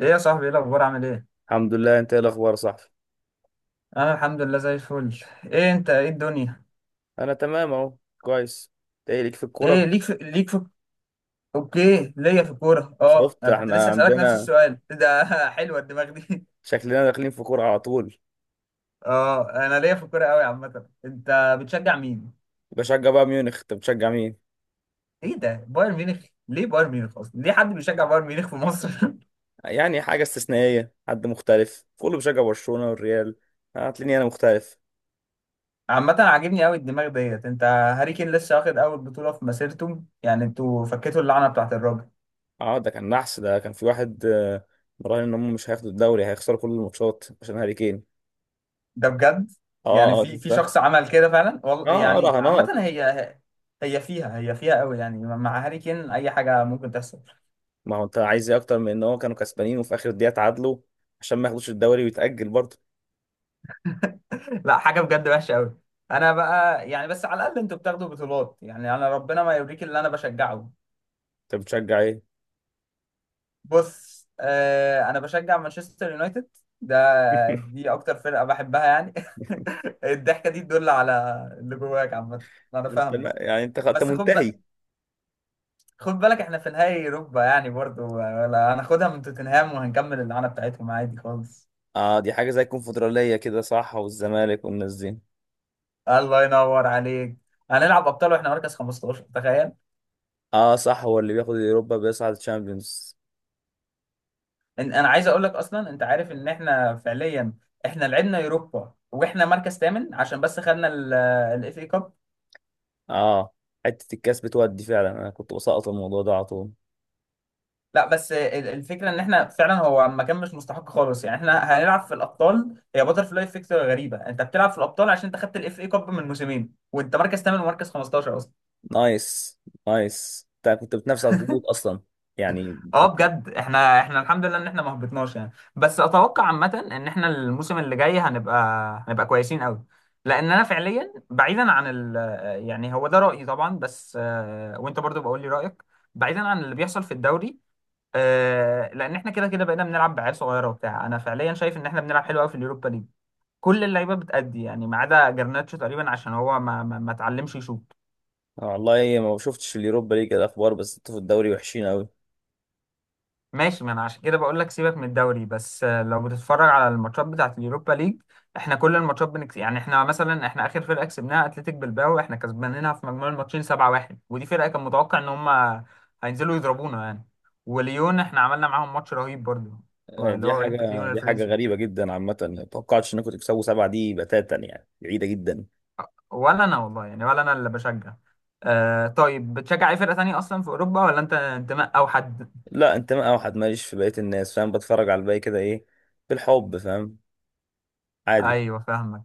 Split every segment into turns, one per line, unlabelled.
ايه يا صاحبي، ايه الاخبار؟ عامل ايه؟
الحمد لله، انت ايه الاخبار يا صاحبي؟
انا الحمد لله زي الفل. ايه انت؟ ايه الدنيا؟
انا تمام اهو، كويس. انت ايه ليك في
ايه،
الكوره؟
ليك في. اوكي، ليا في الكوره. اه،
شفت،
انا كنت
احنا
لسه اسالك نفس
عندنا
السؤال ده. حلوه الدماغ دي.
شكلنا داخلين في كوره على طول.
اه، انا ليا في الكوره قوي عامه. انت بتشجع مين؟
بشجع بقى ميونخ، انت بتشجع مين؟
ايه ده، بايرن ميونخ؟ ليه بايرن ميونخ اصلا؟ ليه حد بيشجع بايرن ميونخ في مصر؟
يعني حاجه استثنائيه، حد مختلف، كله بيشجع برشلونه والريال، هتلاقيني انا مختلف.
عامه عاجبني قوي الدماغ ديت. انت هاري كين لسه واخد اول بطوله في مسيرته، يعني انتوا فكيتوا اللعنه بتاعت الراجل.
اه، ده كان نحس، ده كان في واحد مراهن ان هم مش هياخدوا الدوري، هيخسروا كل الماتشات عشان هاري كين.
ده بجد؟ يعني
اه اه،
في
شفتها.
شخص عمل كده فعلا
اه
والله
اه،
يعني. عامة
رهانات.
هي فيها قوي، يعني مع هاري كين اي حاجة ممكن تحصل.
ما هو انت عايز ايه اكتر من ان هو كانوا كسبانين وفي اخر دقيقه اتعادلوا عشان ما ياخدوش الدوري ويتاجل برضه؟
لا، حاجة بجد وحشة قوي. انا بقى يعني بس على الاقل انتوا بتاخدوا بطولات، يعني انا ربنا ما يوريك اللي انا بشجعه.
انت بتشجع ايه؟
بص، انا بشجع مانشستر يونايتد. ده دي اكتر فرقة بحبها يعني. الضحكة دي تدل على اللي جواك، عامة انا فاهمك.
يعني انت
بس خد
منتهي.
خد بالك، احنا في نهائي اوروبا يعني برضو، ولا هناخدها من توتنهام وهنكمل اللعنه بتاعتهم عادي خالص.
اه، دي حاجه زي الكونفدراليه كده، صح؟ والزمالك والناس دي.
الله ينور عليك. هنلعب ابطال واحنا مركز 15، تخيل.
اه صح، هو اللي بياخد اليوروبا بيصعد الشامبيونز.
انا عايز اقول لك اصلا، انت عارف ان احنا فعليا احنا لعبنا اوروبا واحنا مركز ثامن عشان بس خدنا الاف اي كاب.
اه، حته الكاس بتودي فعلا، انا كنت بسقط الموضوع ده على طول.
لا بس الفكره ان احنا فعلا، هو ما كان مش مستحق خالص يعني احنا هنلعب في الابطال. هي باتر فلاي افكت غريبه، انت بتلعب في الابطال عشان انت خدت الاف اي كاب من موسمين وانت مركز ثامن ومركز 15.
نايس نايس، انت كنت بتنافس على الهبوط اصلا، يعني
اه
كنت.
بجد، احنا الحمد لله ان احنا ما هبطناش يعني، بس اتوقع عامه ان احنا الموسم اللي جاي هنبقى كويسين قوي. لان انا فعليا بعيدا عن يعني هو ده رايي طبعا، بس وانت برضو بقول لي رايك. بعيدا عن اللي بيحصل في الدوري، لان احنا كده كده بقينا بنلعب بعيال صغيره وبتاع. انا فعليا شايف ان احنا بنلعب حلو قوي في اليوروبا ليج. كل اللعيبه بتأدي يعني، ما عدا جرناتشو تقريبا عشان هو ما اتعلمش يشوط.
والله ما شفتش اليوروبا ليج الاخبار، بس انتوا في الدوري وحشين قوي.
ماشي، ما انا عشان كده بقول لك سيبك من الدوري، بس لو بتتفرج على الماتشات بتاعت اليوروبا ليج احنا كل الماتشات بنكس. يعني احنا مثلا، احنا اخر فرقه كسبناها اتلتيك بالباو احنا كسبانينها في مجموع الماتشين 7-1. ودي فرقه كان متوقع ان هم هينزلوا يضربونا يعني. وليون احنا عملنا معاهم ماتش رهيب برضو، اللي
دي
هو اولمبيك
حاجه
ليون
دي حاجه
الفرنسي.
غريبه جدا، عامه ما توقعتش انكم تكسبوا 7 دي بتاتا، يعني بعيده جدا.
ولا انا والله يعني، ولا انا اللي بشجع. طيب بتشجع اي فرقه تانية اصلا في اوروبا، ولا انت انتماء او حد؟
لا، انتماء اوحد ماليش في بقيه الناس، فاهم؟ بتفرج على الباقي كده، ايه بالحب، فاهم؟ عادي.
ايوه فاهمك.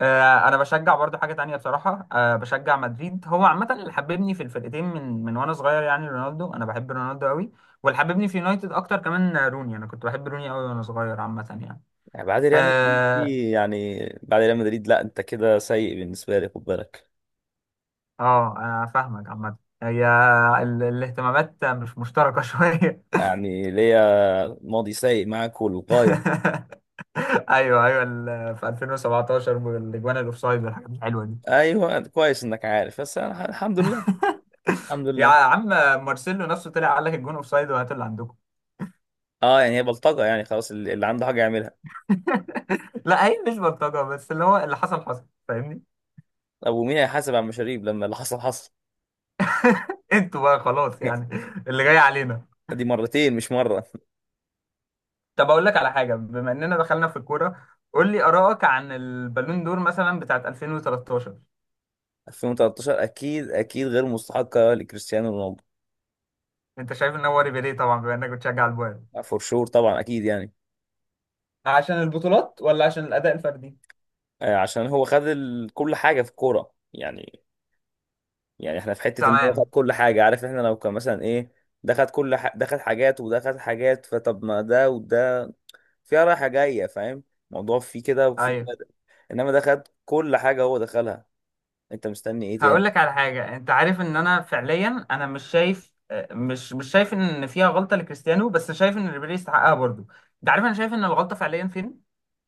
انا بشجع برضو حاجه تانية بصراحه، بشجع مدريد. هو عامه اللي حببني في الفرقتين من وانا صغير، يعني رونالدو، انا بحب رونالدو قوي. واللي حببني في يونايتد اكتر كمان روني، انا كنت بحب روني قوي وانا صغير عامه يعني.
يعني بعد ريال مدريد
اه
دي، يعني بعد ريال مدريد، لا انت كده سيء بالنسبه لي، خد بالك.
اه، انا فاهمك عامه. هي الاهتمامات مش مشتركه شويه.
يعني ليا ماضي سيء معاك والغايه.
ايوه ايوه، في 2017 والاجوان الاوفسايد والحاجات الحلوه دي.
ايوه، كويس انك عارف، بس أنا الحمد لله، الحمد
يا
لله.
عم، مارسيلو نفسه طلع قال لك الجون اوفسايد، وهات اللي عندكم.
اه، يعني هي بلطجه، يعني خلاص، اللي عنده حاجه يعملها.
لا هي مش بلطجة، بس اللي هو اللي حصل حصل، فاهمني.
طب ومين هيحاسب على المشاريب لما اللي حصل حصل؟
انتوا بقى خلاص يعني، اللي جاي علينا.
دي مرتين مش مره.
طب اقول لك على حاجة، بما اننا دخلنا في الكورة قول لي آرائك عن البالون دور مثلا بتاعت 2013.
2013 اكيد اكيد غير مستحقه لكريستيانو رونالدو.
انت شايف ان هو ريبيري، طبعا بما انك بتشجع البايرن،
فور شور طبعا، اكيد يعني.
عشان البطولات ولا عشان الأداء الفردي؟
عشان هو خد كل حاجه في الكوره يعني. يعني احنا في حته ان هو خد
تمام.
كل حاجه، عارف؟ احنا لو كان مثلا ايه، ده خد حاجات وده خد حاجات، فطب ما ده وده، فيها رايحه جايه، فاهم؟ الموضوع فيه كده وفيه
ايوه،
كده. انما ده خد كل حاجه، هو دخلها. انت مستني ايه
هقول
تاني؟
لك على حاجة. انت عارف ان انا فعليا انا مش شايف مش شايف ان فيها غلطة لكريستيانو، بس شايف ان ريبيري يستحقها برضه. انت عارف انا شايف ان الغلطة فعليا فين؟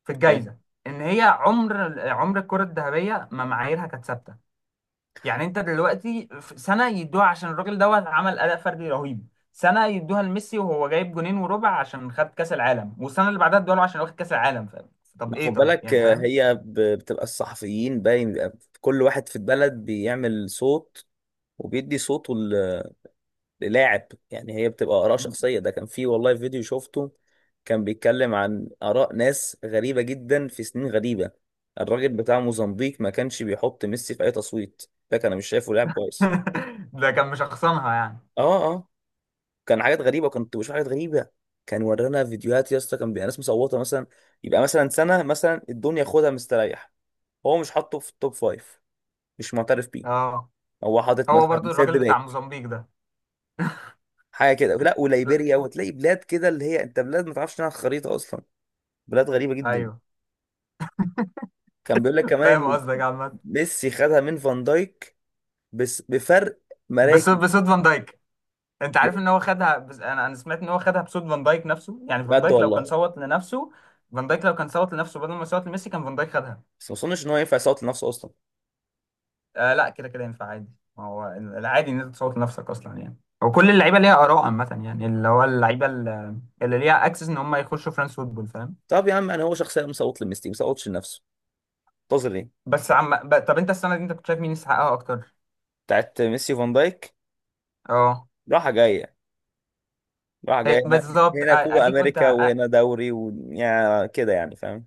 في
فاهم؟
الجايزه. ان هي عمر الكره الذهبيه ما معاييرها كانت ثابته. يعني انت دلوقتي في سنه يدوها عشان الراجل دوت عمل اداء فردي رهيب، سنه يدوها لميسي وهو جايب جونين وربع عشان خد كاس العالم، والسنه اللي بعدها ادوها له عشان واخد كاس العالم، فاهم. طب
ما خد
ايه، طيب
بالك،
يعني فاهم.
هي بتبقى الصحفيين، باين بيبقى كل واحد في البلد بيعمل صوت وبيدي صوته للاعب، يعني هي بتبقى آراء شخصية. ده كان في والله فيديو شفته، كان بيتكلم عن آراء ناس غريبة جدا في سنين غريبة. الراجل بتاع موزمبيق ما كانش بيحط ميسي في أي تصويت، ده كان مش شايفه لاعب كويس.
ده كان مشخصنها يعني.
اه اه، كان حاجات غريبة، كنت بشوف حاجات غريبة. كان ورانا فيديوهات يا اسطى، كان بيبقى ناس مصوتة مثلا، يبقى مثلا سنة مثلا الدنيا خدها مستريح، هو مش حاطه في التوب فايف، مش معترف بيه،
اه،
هو حاطط
هو
مثلا
برضو
سيرد
الراجل بتاع
باك،
موزمبيق ده.
حاجه كده. لا
لا.
وليبيريا، وتلاقي بلاد كده اللي هي انت بلاد ما تعرفش عنها الخريطه اصلا، بلاد غريبة جدا.
ايوه
كان بيقول لك كمان
فاهم
ان
قصدك يا عماد.
ميسي خدها من فان دايك، بس بفرق
بس
مراكز.
بس فان دايك، انت
لا،
عارف ان هو خدها، بس انا سمعت ان هو خدها بصوت فان دايك نفسه. يعني فان
بجد
دايك لو كان
والله.
صوت لنفسه، فان دايك لو كان صوت لنفسه بدل ما يصوت لميسي كان فان دايك خدها.
بس ما اظنش ان هو ينفع يصوت لنفسه اصلا.
آه لا، كده كده ينفع عادي. ما هو العادي ان انت تصوت لنفسك اصلا يعني. وكل اللعيبه ليها اراء عامه يعني، اللي هو اللعيبه اللي اللي ليها اكسس ان هم يخشوا فرانس فوتبول، فاهم.
طب يا عم، انا هو شخصيا مصوت لميسي، ما صوتش لنفسه، منتظر ايه؟
بس عم طب انت السنه دي انت كنت شايف مين يستحقها اكتر؟
بتاعت ميسي وفان دايك،
اه.
راحة جاية، راحة جاية هنا،
بالظبط
هنا كوبا
اديك
امريكا
قلتها.
وهنا دوري، ويعني كده يعني، فاهم؟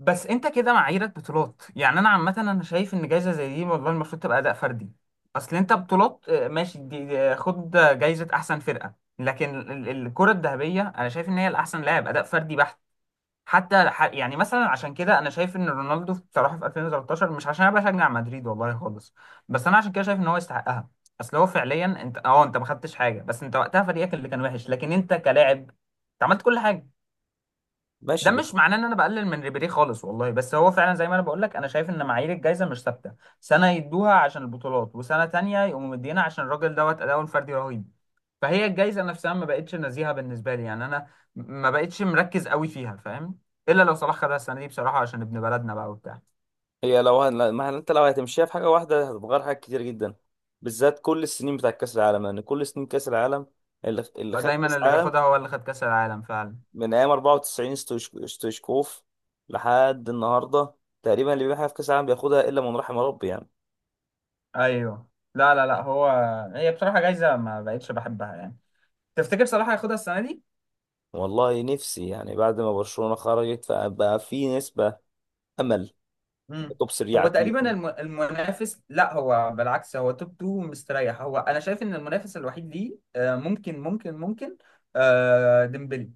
بس انت كده معاييرك بطولات، يعني انا عامه انا شايف ان جايزه زي دي والله المفروض تبقى اداء فردي. اصل انت بطولات، ماشي خد جايزه احسن فرقه. لكن الكره الذهبيه انا شايف ان هي الاحسن لاعب، اداء فردي بحت. حتى يعني مثلا، عشان كده انا شايف ان رونالدو بصراحه في 2013، مش عشان انا بشجع مدريد والله خالص، بس انا عشان كده شايف ان هو يستحقها. اصل هو فعليا، انت ما خدتش حاجه، بس انت وقتها فريقك اللي كان وحش، لكن انت كلاعب انت عملت كل حاجه. ده
ماشي، ده.
مش معناه ان انا بقلل من ريبيري خالص والله، بس هو فعلا زي ما انا بقول لك، انا شايف ان معايير الجائزه مش ثابته. سنه يدوها عشان البطولات، وسنه تانية يقوموا مدينا عشان الراجل دوت اداؤه الفردي رهيب. فهي الجائزه نفسها ما بقتش نزيهه بالنسبه لي، يعني انا ما بقتش مركز قوي فيها، فاهم. الا لو صلاح خدها السنه دي بصراحه، عشان ابن بلدنا بقى وبتاع.
هي لو هن... ما هن- انت لو هتمشيها في حاجة واحدة، هتتغير حاجات كتير جدا، بالذات كل السنين بتاع كأس العالم، لان كل سنين كأس العالم اللي خد كأس
دايما اللي
العالم
بياخدها هو اللي خد كاس العالم فعلا.
من ايام 94 ستويشكوف لحد النهارده، تقريبا اللي بيحقق في كاس العالم بياخدها، الا من رحم ربي يعني.
ايوه. لا لا لا، هو هي بصراحه جايزه ما بقتش بحبها يعني. تفتكر صلاح هياخدها السنه دي؟
والله نفسي، يعني بعد ما برشلونه خرجت فبقى في نسبه امل.
مم.
توب 3
هو
على
تقريبا
اتليتي.
المنافس، لا هو بالعكس، هو توب 2 مستريح. هو انا شايف ان المنافس الوحيد ليه ممكن ممكن ممكن ديمبلي.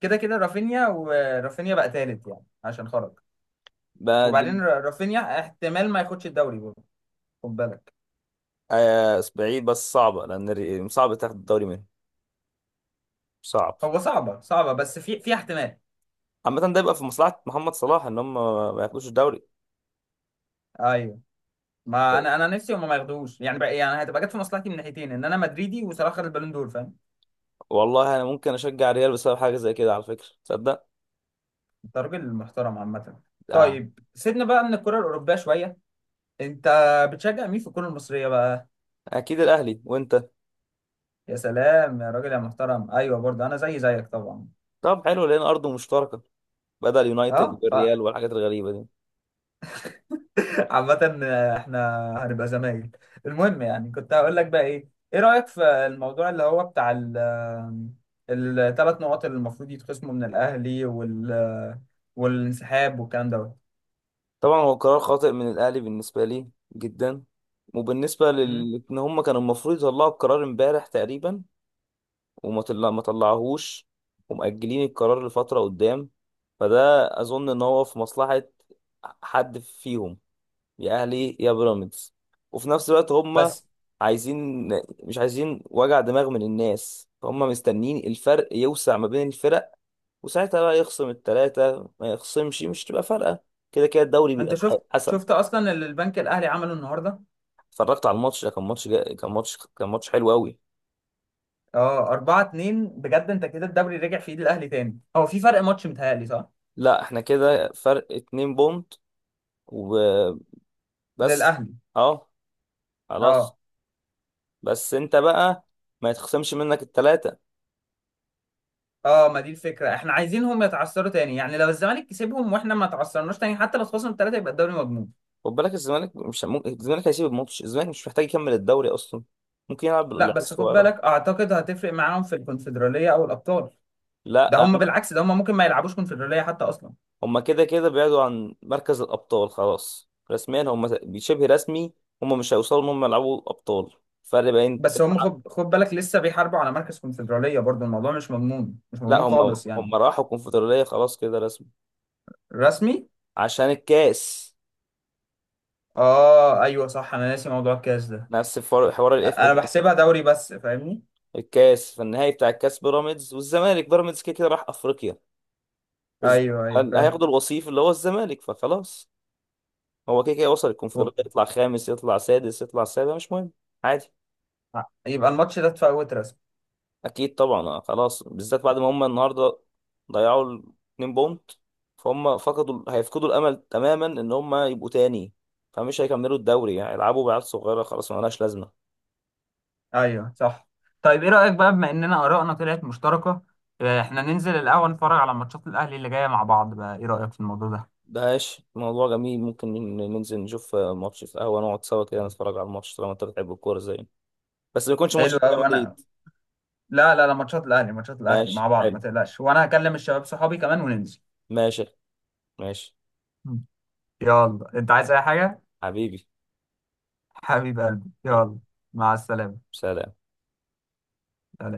كده كده رافينيا، ورافينيا بقى تالت يعني عشان خرج.
بعد
وبعدين رافينيا احتمال ما ياخدش الدوري برضه، خد بالك.
آه، بعيد، بس صعبه لان صعب تاخد الدوري منهم، صعب.
هو صعبة صعبة، بس في احتمال.
عامه ده يبقى في مصلحه محمد صلاح ان هم ما ياخدوش الدوري.
ايوه، ما انا نفسي هما ما ياخدوش يعني بقى، يعني هتبقى جت في مصلحتي من ناحيتين، ان انا مدريدي وصلاح خد البالون دور، فاهم.
والله انا ممكن اشجع الريال بسبب حاجه زي كده، على فكره، تصدق؟
انت راجل محترم عامة.
آه.
طيب سيبنا بقى من الكرة الأوروبية شوية. انت بتشجع مين في الكرة المصرية بقى؟
اكيد الاهلي، وانت؟
يا سلام يا راجل يا محترم، ايوه برضه انا زي زيك طبعا.
طب حلو لان ارضه مشتركه، بدأ اليونايتد
اه
والريال والحاجات الغريبة دي.
عامة احنا هنبقى زمايل. المهم، يعني كنت هقول لك بقى، ايه رأيك في الموضوع اللي هو بتاع الثلاث نقط اللي المفروض يتخصموا من الاهلي، والانسحاب والكلام دوت؟
طبعا هو قرار خاطئ من الأهلي بالنسبة لي، جدا. وبالنسبة
مم.
لل، إن هم كانوا المفروض يطلعوا القرار امبارح تقريبا، وما طلع... ما طلعهوش، ومأجلين القرار لفترة قدام. فده أظن إن هو في مصلحة حد فيهم، يا أهلي يا بيراميدز، وفي نفس الوقت هم
بس
عايزين مش عايزين وجع دماغ من الناس، فهم مستنيين الفرق يوسع ما بين الفرق، وساعتها بقى يخصم التلاتة ما يخصمش، مش تبقى فارقة، كده كده الدوري
انت
بيبقى
شفت
حسب.
شفت اصلا اللي البنك الاهلي عمله النهارده؟
اتفرجت على الماتش، ده كان ماتش جا... كان ماتش كان ماتش حلو قوي.
اه 4-2، بجد انت كده الدوري رجع في ايد الاهلي تاني. هو في فرق ماتش، متهيألي صح؟
لا، احنا كده فرق 2 بونت، وبس.
للاهلي.
اه، خلاص.
اه
بس انت بقى ما يتخصمش منك التلاتة.
اه، ما دي الفكره، احنا عايزينهم يتعثروا تاني. يعني لو الزمالك كسبهم واحنا ما تعثرناش تاني، حتى لو خسرنا ثلاثه يبقى الدوري مضمون.
خد بالك الزمالك مش ممكن، الزمالك هيسيب الماتش، الزمالك مش محتاج يكمل الدوري اصلا، ممكن يلعب
لا
بالعيال
بس خد
الصغيرة.
بالك، اعتقد هتفرق معاهم في الكونفدراليه او الابطال. ده
لا،
هم بالعكس، ده هم ممكن ما يلعبوش كونفدراليه حتى اصلا.
هما كده كده بعدوا عن مركز الأبطال خلاص، رسميا هما شبه رسمي، هما مش هيوصلوا إن هما يلعبوا أبطال، فرق بين
بس هم
9.
خد بالك لسه بيحاربوا على مركز كونفدراليه برضو، الموضوع مش مضمون مش
لا،
مضمون
هما
خالص يعني.
هما راحوا الكونفدرالية خلاص كده، رسمي،
رسمي.
عشان الكاس.
اه ايوه صح، انا ناسي موضوع الكاس ده.
حوار الاف اي
انا
كاب.
بحسبها دوري بس، فاهمني.
الكاس، في النهائي بتاع الكاس، بيراميدز والزمالك، بيراميدز كده كده راح أفريقيا، الز-
ايوه ايوه
اللي
فاهم.
هياخدوا الوصيف اللي هو الزمالك، فخلاص، هو كده كده وصل
و-
الكونفدرالية، يطلع خامس يطلع سادس يطلع سابع مش مهم، عادي.
يبقى الماتش ده اتفوت رسمي.
اكيد طبعا، خلاص، بالذات بعد ما هم النهارده ضيعوا 2 بونت، فهم هيفقدوا الامل تماما ان هم يبقوا تاني، فمش هيكملوا الدوري يعني، يلعبوا بعيال صغيره، خلاص ما لهاش لازمه.
ايوه صح. طيب ايه رأيك بقى، بما اننا آرائنا طلعت مشتركة، احنا ننزل القهوة نتفرج على ماتشات الأهلي اللي جاية مع بعض بقى، ايه رأيك في الموضوع ده؟
ماشي، موضوع جميل، ممكن ننزل نشوف ماتش في قهوه، نقعد سوا كده، نتفرج على الماتش طالما انت بتحب الكوره زينا، بس ما يكونش ماتش
حلو قوي،
ريال
وانا...
مدريد.
لا لا لا، ماتشات الاهلي
ماشي
مع بعض، ما
حلو،
تقلقش، وانا هكلم الشباب صحابي كمان وننزل.
ماشي ماشي.
مم. يلا، انت عايز اي حاجة؟
حبيبي،
حبيب قلبي
حبيبي.
يلا. مع السلامة.
سلام.
سلام.